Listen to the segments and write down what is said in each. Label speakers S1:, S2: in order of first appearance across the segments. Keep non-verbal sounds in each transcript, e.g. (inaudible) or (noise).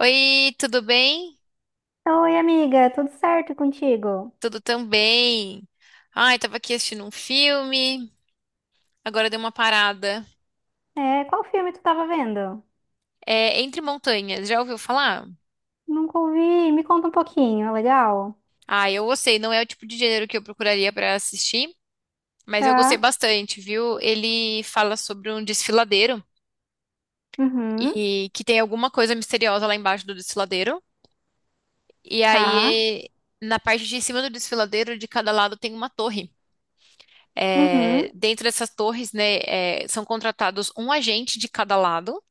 S1: Oi, tudo bem?
S2: Oi, amiga, tudo certo contigo?
S1: Tudo também. Ai, tava aqui assistindo um filme, agora deu uma parada.
S2: É, qual filme tu tava vendo?
S1: É Entre Montanhas, já ouviu falar?
S2: Nunca ouvi, me conta um pouquinho, é legal?
S1: Ah, eu gostei, não é o tipo de gênero que eu procuraria pra assistir, mas eu gostei
S2: Tá,
S1: bastante, viu? Ele fala sobre um desfiladeiro
S2: uhum,
S1: e que tem alguma coisa misteriosa lá embaixo do desfiladeiro. E
S2: tá,
S1: aí, na parte de cima do desfiladeiro, de cada lado tem uma torre. É,
S2: uhum,
S1: dentro dessas torres, né, é, são contratados um agente de cada lado.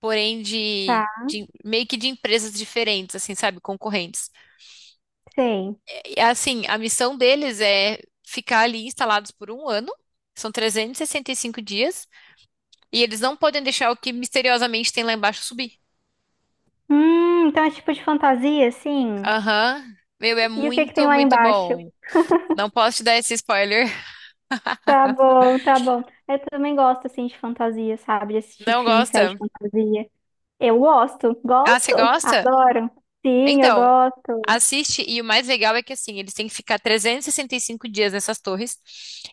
S1: Porém
S2: tá,
S1: meio que de empresas diferentes, assim, sabe, concorrentes.
S2: sei.
S1: E, assim, a missão deles é ficar ali instalados por um ano, são trezentos e sessenta e cinco dias, e eles não podem deixar o que misteriosamente tem lá embaixo subir.
S2: Então é tipo de fantasia, sim?
S1: Aham. Meu, é
S2: E o que que tem
S1: muito,
S2: lá
S1: muito
S2: embaixo?
S1: bom. Não posso te dar esse spoiler. (laughs)
S2: Tá bom, tá bom. Eu também gosto, assim, de fantasia, sabe? De assistir
S1: Não
S2: filme, série de
S1: gosta?
S2: fantasia. Eu gosto,
S1: Ah,
S2: gosto,
S1: você gosta?
S2: adoro. Sim, eu
S1: Então,
S2: gosto.
S1: assiste, e o mais legal é que, assim, eles têm que ficar trezentos e sessenta e cinco dias nessas torres,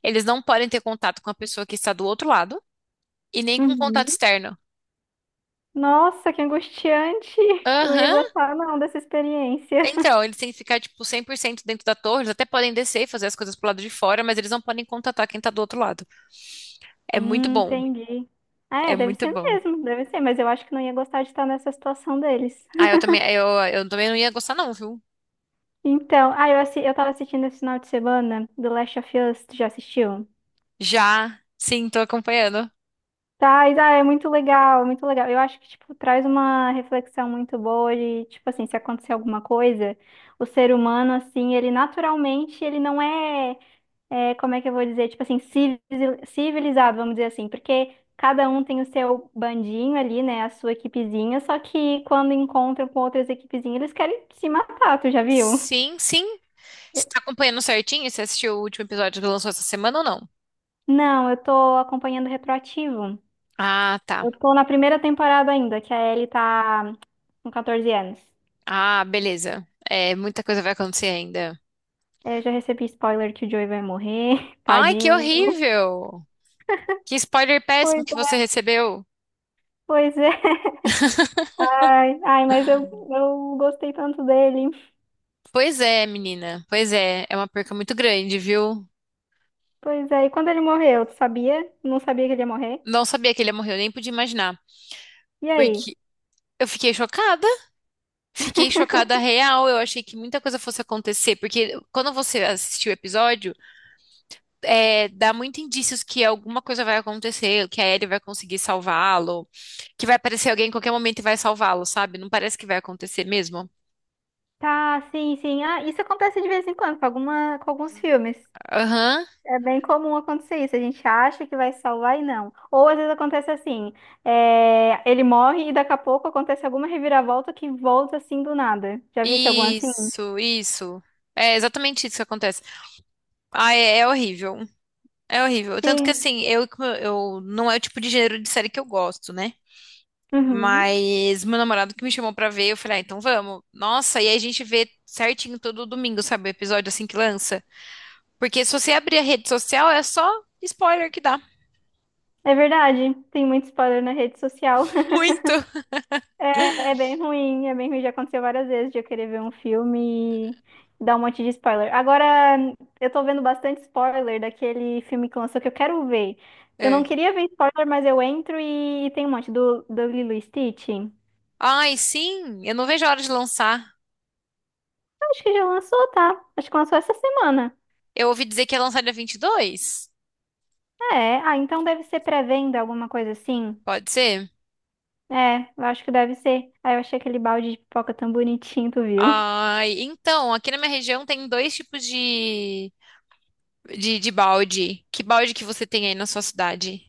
S1: eles não podem ter contato com a pessoa que está do outro lado, e nem com contato
S2: Uhum.
S1: externo.
S2: Nossa, que angustiante! Eu não ia
S1: Aham.
S2: gostar, não, dessa experiência. (laughs)
S1: Então, eles têm que ficar, tipo, 100% dentro da torre. Eles até podem descer e fazer as coisas pro lado de fora, mas eles não podem contatar quem tá do outro lado. É muito bom.
S2: Entendi. Ah,
S1: É
S2: é, deve
S1: muito
S2: ser
S1: bom.
S2: mesmo, deve ser, mas eu acho que não ia gostar de estar nessa situação deles.
S1: Ah, eu
S2: (laughs)
S1: também, eu também não ia gostar, não, viu?
S2: Então, ah, eu, assi eu tava assistindo esse final de semana do Last of Us, tu já assistiu?
S1: Já. Sim, tô acompanhando.
S2: Tá, e, ah, é muito legal, muito legal. Eu acho que, tipo, traz uma reflexão muito boa de, tipo assim, se acontecer alguma coisa, o ser humano, assim, ele naturalmente, ele não é. É, como é que eu vou dizer, tipo assim, civilizado, vamos dizer assim, porque cada um tem o seu bandinho ali, né, a sua equipezinha, só que quando encontram com outras equipezinhas, eles querem se matar, tu já viu?
S1: Sim, sim. Você tá acompanhando certinho? Você assistiu o último episódio que lançou essa semana ou não?
S2: Não, eu tô acompanhando retroativo.
S1: Ah, tá.
S2: Eu tô na primeira temporada ainda, que a Ellie tá com 14 anos.
S1: Ah, beleza. É, muita coisa vai acontecer ainda.
S2: É, eu já recebi spoiler que o Joey vai morrer, (laughs)
S1: Ai, que
S2: tadinho.
S1: horrível! Que spoiler péssimo
S2: Pois
S1: que você
S2: é,
S1: recebeu.
S2: pois é. Ai, ai, mas eu gostei tanto dele.
S1: Pois é, menina. Pois é, é uma perca muito grande, viu?
S2: Pois é, e quando ele morreu, tu sabia? Não sabia que ele ia morrer?
S1: Não sabia que ele morreu, nem podia imaginar.
S2: E aí?
S1: Porque eu fiquei chocada. Fiquei chocada real. Eu achei que muita coisa fosse acontecer. Porque quando você assistiu o episódio, é, dá muito indícios que alguma coisa vai acontecer, que a Ellie vai conseguir salvá-lo, que vai aparecer alguém em qualquer momento e vai salvá-lo, sabe? Não parece que vai acontecer mesmo.
S2: Tá, sim, sim. Ah, isso acontece de vez em quando com alguma, com alguns filmes.
S1: Aham.
S2: É bem comum acontecer isso. A gente acha que vai salvar e não. Ou às vezes acontece assim, é, ele morre e daqui a pouco acontece alguma reviravolta que volta assim do nada. Já visse algum assim?
S1: Isso, isso. É exatamente isso que acontece. Ah, é horrível. É horrível. Tanto que
S2: Sim.
S1: assim, eu não é o tipo de gênero de série que eu gosto, né?
S2: Uhum.
S1: Mas meu namorado que me chamou pra ver, eu falei, ah, então vamos. Nossa, e aí a gente vê certinho todo domingo, sabe? O episódio assim que lança. Porque se você abrir a rede social, é só spoiler que dá.
S2: É verdade. Tem muito spoiler na rede social.
S1: (laughs) Muito.
S2: É bem ruim, é bem ruim. Já aconteceu várias vezes de eu querer ver um filme e dar um monte de spoiler. Agora, eu tô vendo bastante spoiler daquele filme que lançou que eu quero ver. Eu não
S1: É.
S2: queria ver spoiler, mas eu entro e tem um monte do Lilo e Stitch.
S1: Ai, sim, eu não vejo a hora de lançar.
S2: Acho que já lançou, tá? Acho que lançou essa semana.
S1: Eu ouvi dizer que ia lançar dia 22.
S2: É, ah, então deve ser pré-venda, alguma coisa assim.
S1: Pode ser?
S2: É, eu acho que deve ser. Aí eu achei aquele balde de pipoca tão bonitinho, tu viu?
S1: Ai, então, aqui na minha região tem dois tipos de balde. Que balde que você tem aí na sua cidade?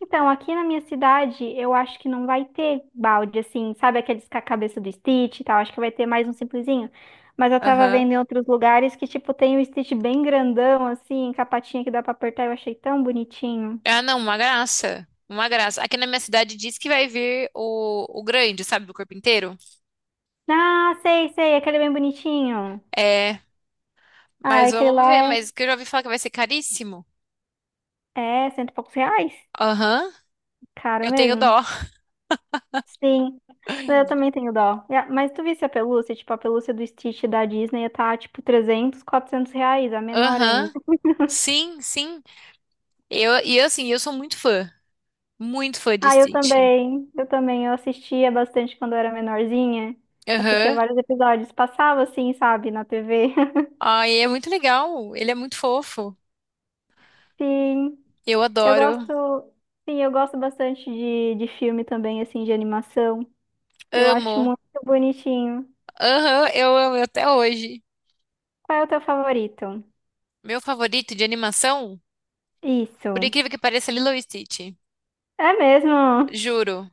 S2: Então, aqui na minha cidade, eu acho que não vai ter balde, assim, sabe aqueles com a cabeça do Stitch e tal? Acho que vai ter mais um simplesinho. Mas eu tava vendo
S1: Aham.
S2: em outros lugares que, tipo, tem o Stitch bem grandão, assim, com a patinha que dá pra apertar. Eu achei tão bonitinho.
S1: Ah, não, uma graça. Uma graça. Aqui na minha cidade diz que vai vir o grande, sabe, do corpo inteiro.
S2: Ah, sei, sei, aquele bem bonitinho.
S1: É,
S2: Ah,
S1: mas
S2: aquele
S1: vamos
S2: lá
S1: ver, mas que eu já ouvi falar que vai ser caríssimo.
S2: é, é cento e poucos reais.
S1: Aham.
S2: Caro
S1: Eu tenho
S2: mesmo.
S1: dó.
S2: Sim, eu também tenho dó. É, mas tu visse a pelúcia? Tipo, a pelúcia do Stitch da Disney tá, tipo, 300, 400 reais, a menor.
S1: Aham. Sim, sim. Eu, assim, eu sou muito fã. Muito fã de
S2: Ah, eu
S1: Stitch.
S2: também. Eu também. Eu assistia bastante quando eu era menorzinha. Assistia
S1: Aham.
S2: vários episódios. Passava assim, sabe, na TV. (laughs)
S1: Ai, é muito legal. Ele é muito fofo.
S2: Sim,
S1: Eu
S2: eu
S1: adoro.
S2: gosto. Sim, eu gosto bastante de filme também, assim, de animação. Eu acho
S1: Amo.
S2: muito bonitinho.
S1: Aham, eu amo até hoje.
S2: Qual é o teu favorito?
S1: Meu favorito de animação, por
S2: Isso.
S1: incrível que pareça, é Lilo e Stitch.
S2: É mesmo?
S1: Juro.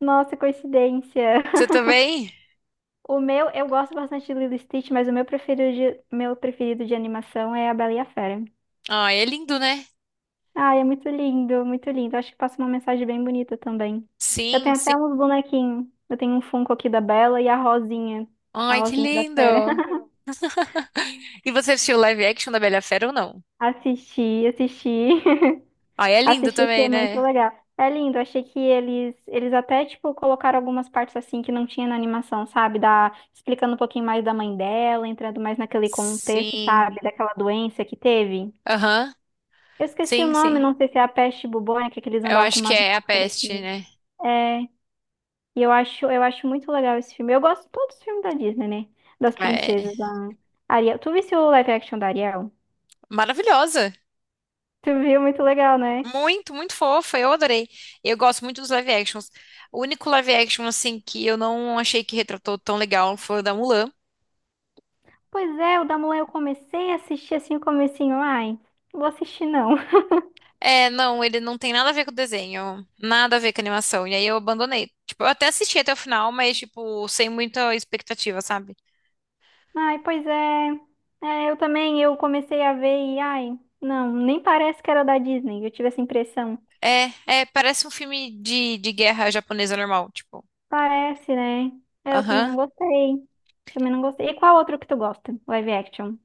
S2: Nossa, coincidência.
S1: Você
S2: (laughs)
S1: também?
S2: O meu, eu gosto bastante de Lilo e Stitch, mas o meu preferido de animação é a Bela e a Fera.
S1: Ai, é lindo, né?
S2: Ai, é muito lindo, muito lindo. Acho que passa uma mensagem bem bonita também. Eu
S1: Sim,
S2: tenho
S1: sim.
S2: até uns bonequinhos. Eu tenho um Funko aqui da Bela e a Rosinha. A
S1: Ai, que
S2: Rosinha da Fera.
S1: lindo.
S2: (laughs)
S1: E você assistiu o live action da Bela Fera ou não?
S2: Assisti, assisti,
S1: Ai, é
S2: (laughs)
S1: lindo
S2: assisti,
S1: também,
S2: achei muito
S1: né?
S2: legal. É lindo, achei que eles até, tipo, colocaram algumas partes assim que não tinha na animação, sabe? Da, explicando um pouquinho mais da mãe dela, entrando mais naquele contexto,
S1: Sim.
S2: sabe? Daquela doença que teve.
S1: Aham.
S2: Eu esqueci o
S1: Sim,
S2: nome,
S1: sim.
S2: não sei se é a peste bubônica que eles
S1: Eu
S2: andavam com
S1: acho que
S2: umas
S1: é a
S2: máscaras
S1: peste,
S2: assim.
S1: né?
S2: É, e eu acho muito legal esse filme. Eu gosto de todos os filmes da Disney, né? Das
S1: É
S2: princesas, da Ariel. Tu viste o live action da Ariel?
S1: maravilhosa.
S2: Tu viu? Muito legal, né?
S1: Muito, muito fofa. Eu adorei. Eu gosto muito dos live actions. O único live action, assim, que eu não achei que retratou tão legal foi o da Mulan.
S2: Pois é, o da Mulan eu comecei a assistir assim, o comecinho. Ai, não vou assistir não.
S1: É, não, ele não tem nada a ver com o desenho, nada a ver com a animação. E aí eu abandonei. Tipo, eu até assisti até o final, mas, tipo, sem muita expectativa, sabe?
S2: (laughs) Ai, pois é. É, eu também, eu comecei a ver e ai, não, nem parece que era da Disney. Eu tive essa impressão.
S1: É, é, parece um filme de guerra japonesa normal, tipo.
S2: Parece, né? É, eu também
S1: Aham,
S2: não gostei. Também não gostei. E qual outro que tu gosta? Live action?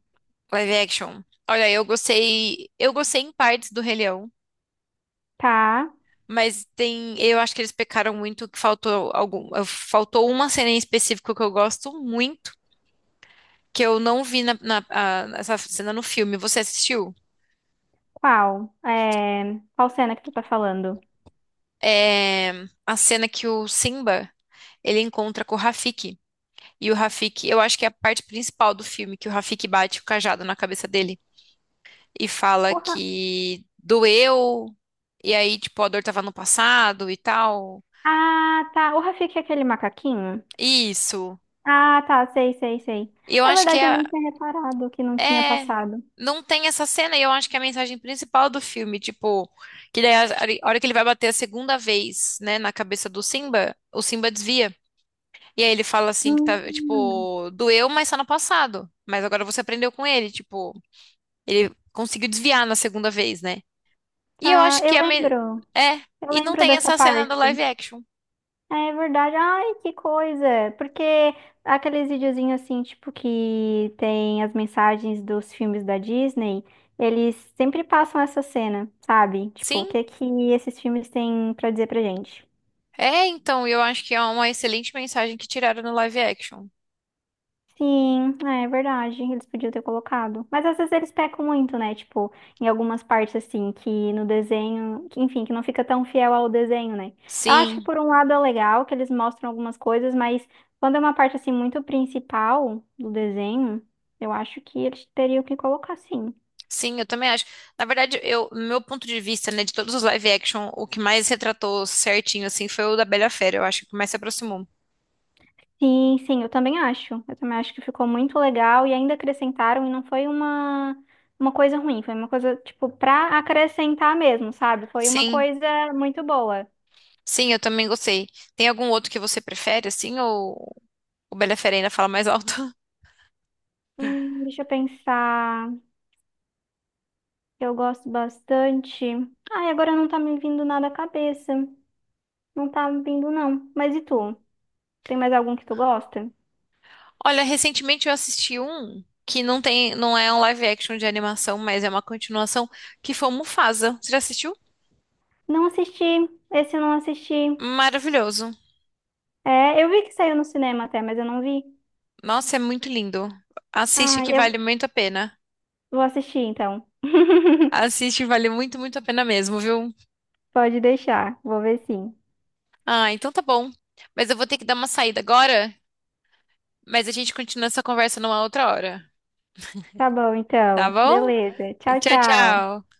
S1: live action. Olha, eu gostei em partes do Rei Leão,
S2: Tá.
S1: mas tem, eu acho que eles pecaram muito, que faltou algum, faltou uma cena em específico que eu gosto muito, que eu não vi essa cena no filme. Você assistiu?
S2: Qual? É... Qual cena que tu tá falando?
S1: É a cena que o Simba ele encontra com o Rafiki. E o Rafiki, eu acho que é a parte principal do filme, que o Rafiki bate o cajado na cabeça dele e fala
S2: O Ra-
S1: que doeu, e aí, tipo, a dor tava no passado e tal.
S2: Ah, tá. O Rafiki é aquele macaquinho?
S1: Isso.
S2: Ah, tá. Sei, sei, sei.
S1: E eu
S2: É
S1: acho que
S2: verdade, eu
S1: é,
S2: nem tinha reparado que não tinha
S1: é.
S2: passado.
S1: Não tem essa cena, e eu acho que é a mensagem principal do filme, tipo, que daí a hora que ele vai bater a segunda vez, né, na cabeça do Simba, o Simba desvia. E aí ele fala assim que tá,
S2: Hum,
S1: tipo, doeu, mas tá no passado. Mas agora você aprendeu com ele, tipo. Ele conseguiu desviar na segunda vez, né? E eu
S2: tá.
S1: acho que
S2: Eu
S1: a me...
S2: lembro.
S1: é,
S2: Eu
S1: e não
S2: lembro
S1: tem
S2: dessa
S1: essa cena do live
S2: parte.
S1: action.
S2: É verdade. Ai, que coisa. Porque aqueles videozinhos assim, tipo, que tem as mensagens dos filmes da Disney, eles sempre passam essa cena, sabe? Tipo, o
S1: Sim,
S2: que que esses filmes têm pra dizer pra gente?
S1: é, então, eu acho que é uma excelente mensagem que tiraram no live action.
S2: Sim, é verdade, eles podiam ter colocado. Mas às vezes eles pecam muito, né? Tipo, em algumas partes assim, que no desenho, que, enfim, que não fica tão fiel ao desenho, né? Eu acho que
S1: Sim,
S2: por um lado é legal que eles mostram algumas coisas, mas quando é uma parte assim muito principal do desenho, eu acho que eles teriam que colocar sim.
S1: sim, eu também acho. Na verdade, eu, no meu ponto de vista, né, de todos os live action, o que mais retratou certinho assim foi o da Bela e a Fera, eu acho que mais se aproximou.
S2: Sim, sim, eu também acho. Eu também acho que ficou muito legal e ainda acrescentaram e não foi uma coisa ruim, foi uma coisa tipo pra acrescentar mesmo, sabe? Foi uma
S1: Sim,
S2: coisa muito boa.
S1: sim, eu também gostei. Tem algum outro que você prefere assim ou o Bela e a Fera ainda fala mais alto?
S2: Deixa eu pensar. Eu gosto bastante. Ai, agora não tá me vindo nada à cabeça. Não tá me vindo, não. Mas e tu? Tem mais algum que tu gosta?
S1: Olha, recentemente eu assisti um que não tem, não é um live action de animação, mas é uma continuação, que foi o Mufasa. Você já assistiu?
S2: Não assisti. Esse eu não assisti.
S1: Maravilhoso.
S2: É, eu vi que saiu no cinema até, mas eu não vi.
S1: Nossa, é muito lindo. Assiste
S2: Ai,
S1: que
S2: eu
S1: vale muito a pena.
S2: vou assistir então. (laughs)
S1: Assiste, vale muito, muito a pena mesmo, viu?
S2: Pode deixar. Vou ver sim.
S1: Ah, então tá bom. Mas eu vou ter que dar uma saída agora, mas a gente continua essa conversa numa outra hora,
S2: Tá bom,
S1: tá
S2: então.
S1: bom?
S2: Beleza. Tchau,
S1: Tchau,
S2: tchau.
S1: tchau.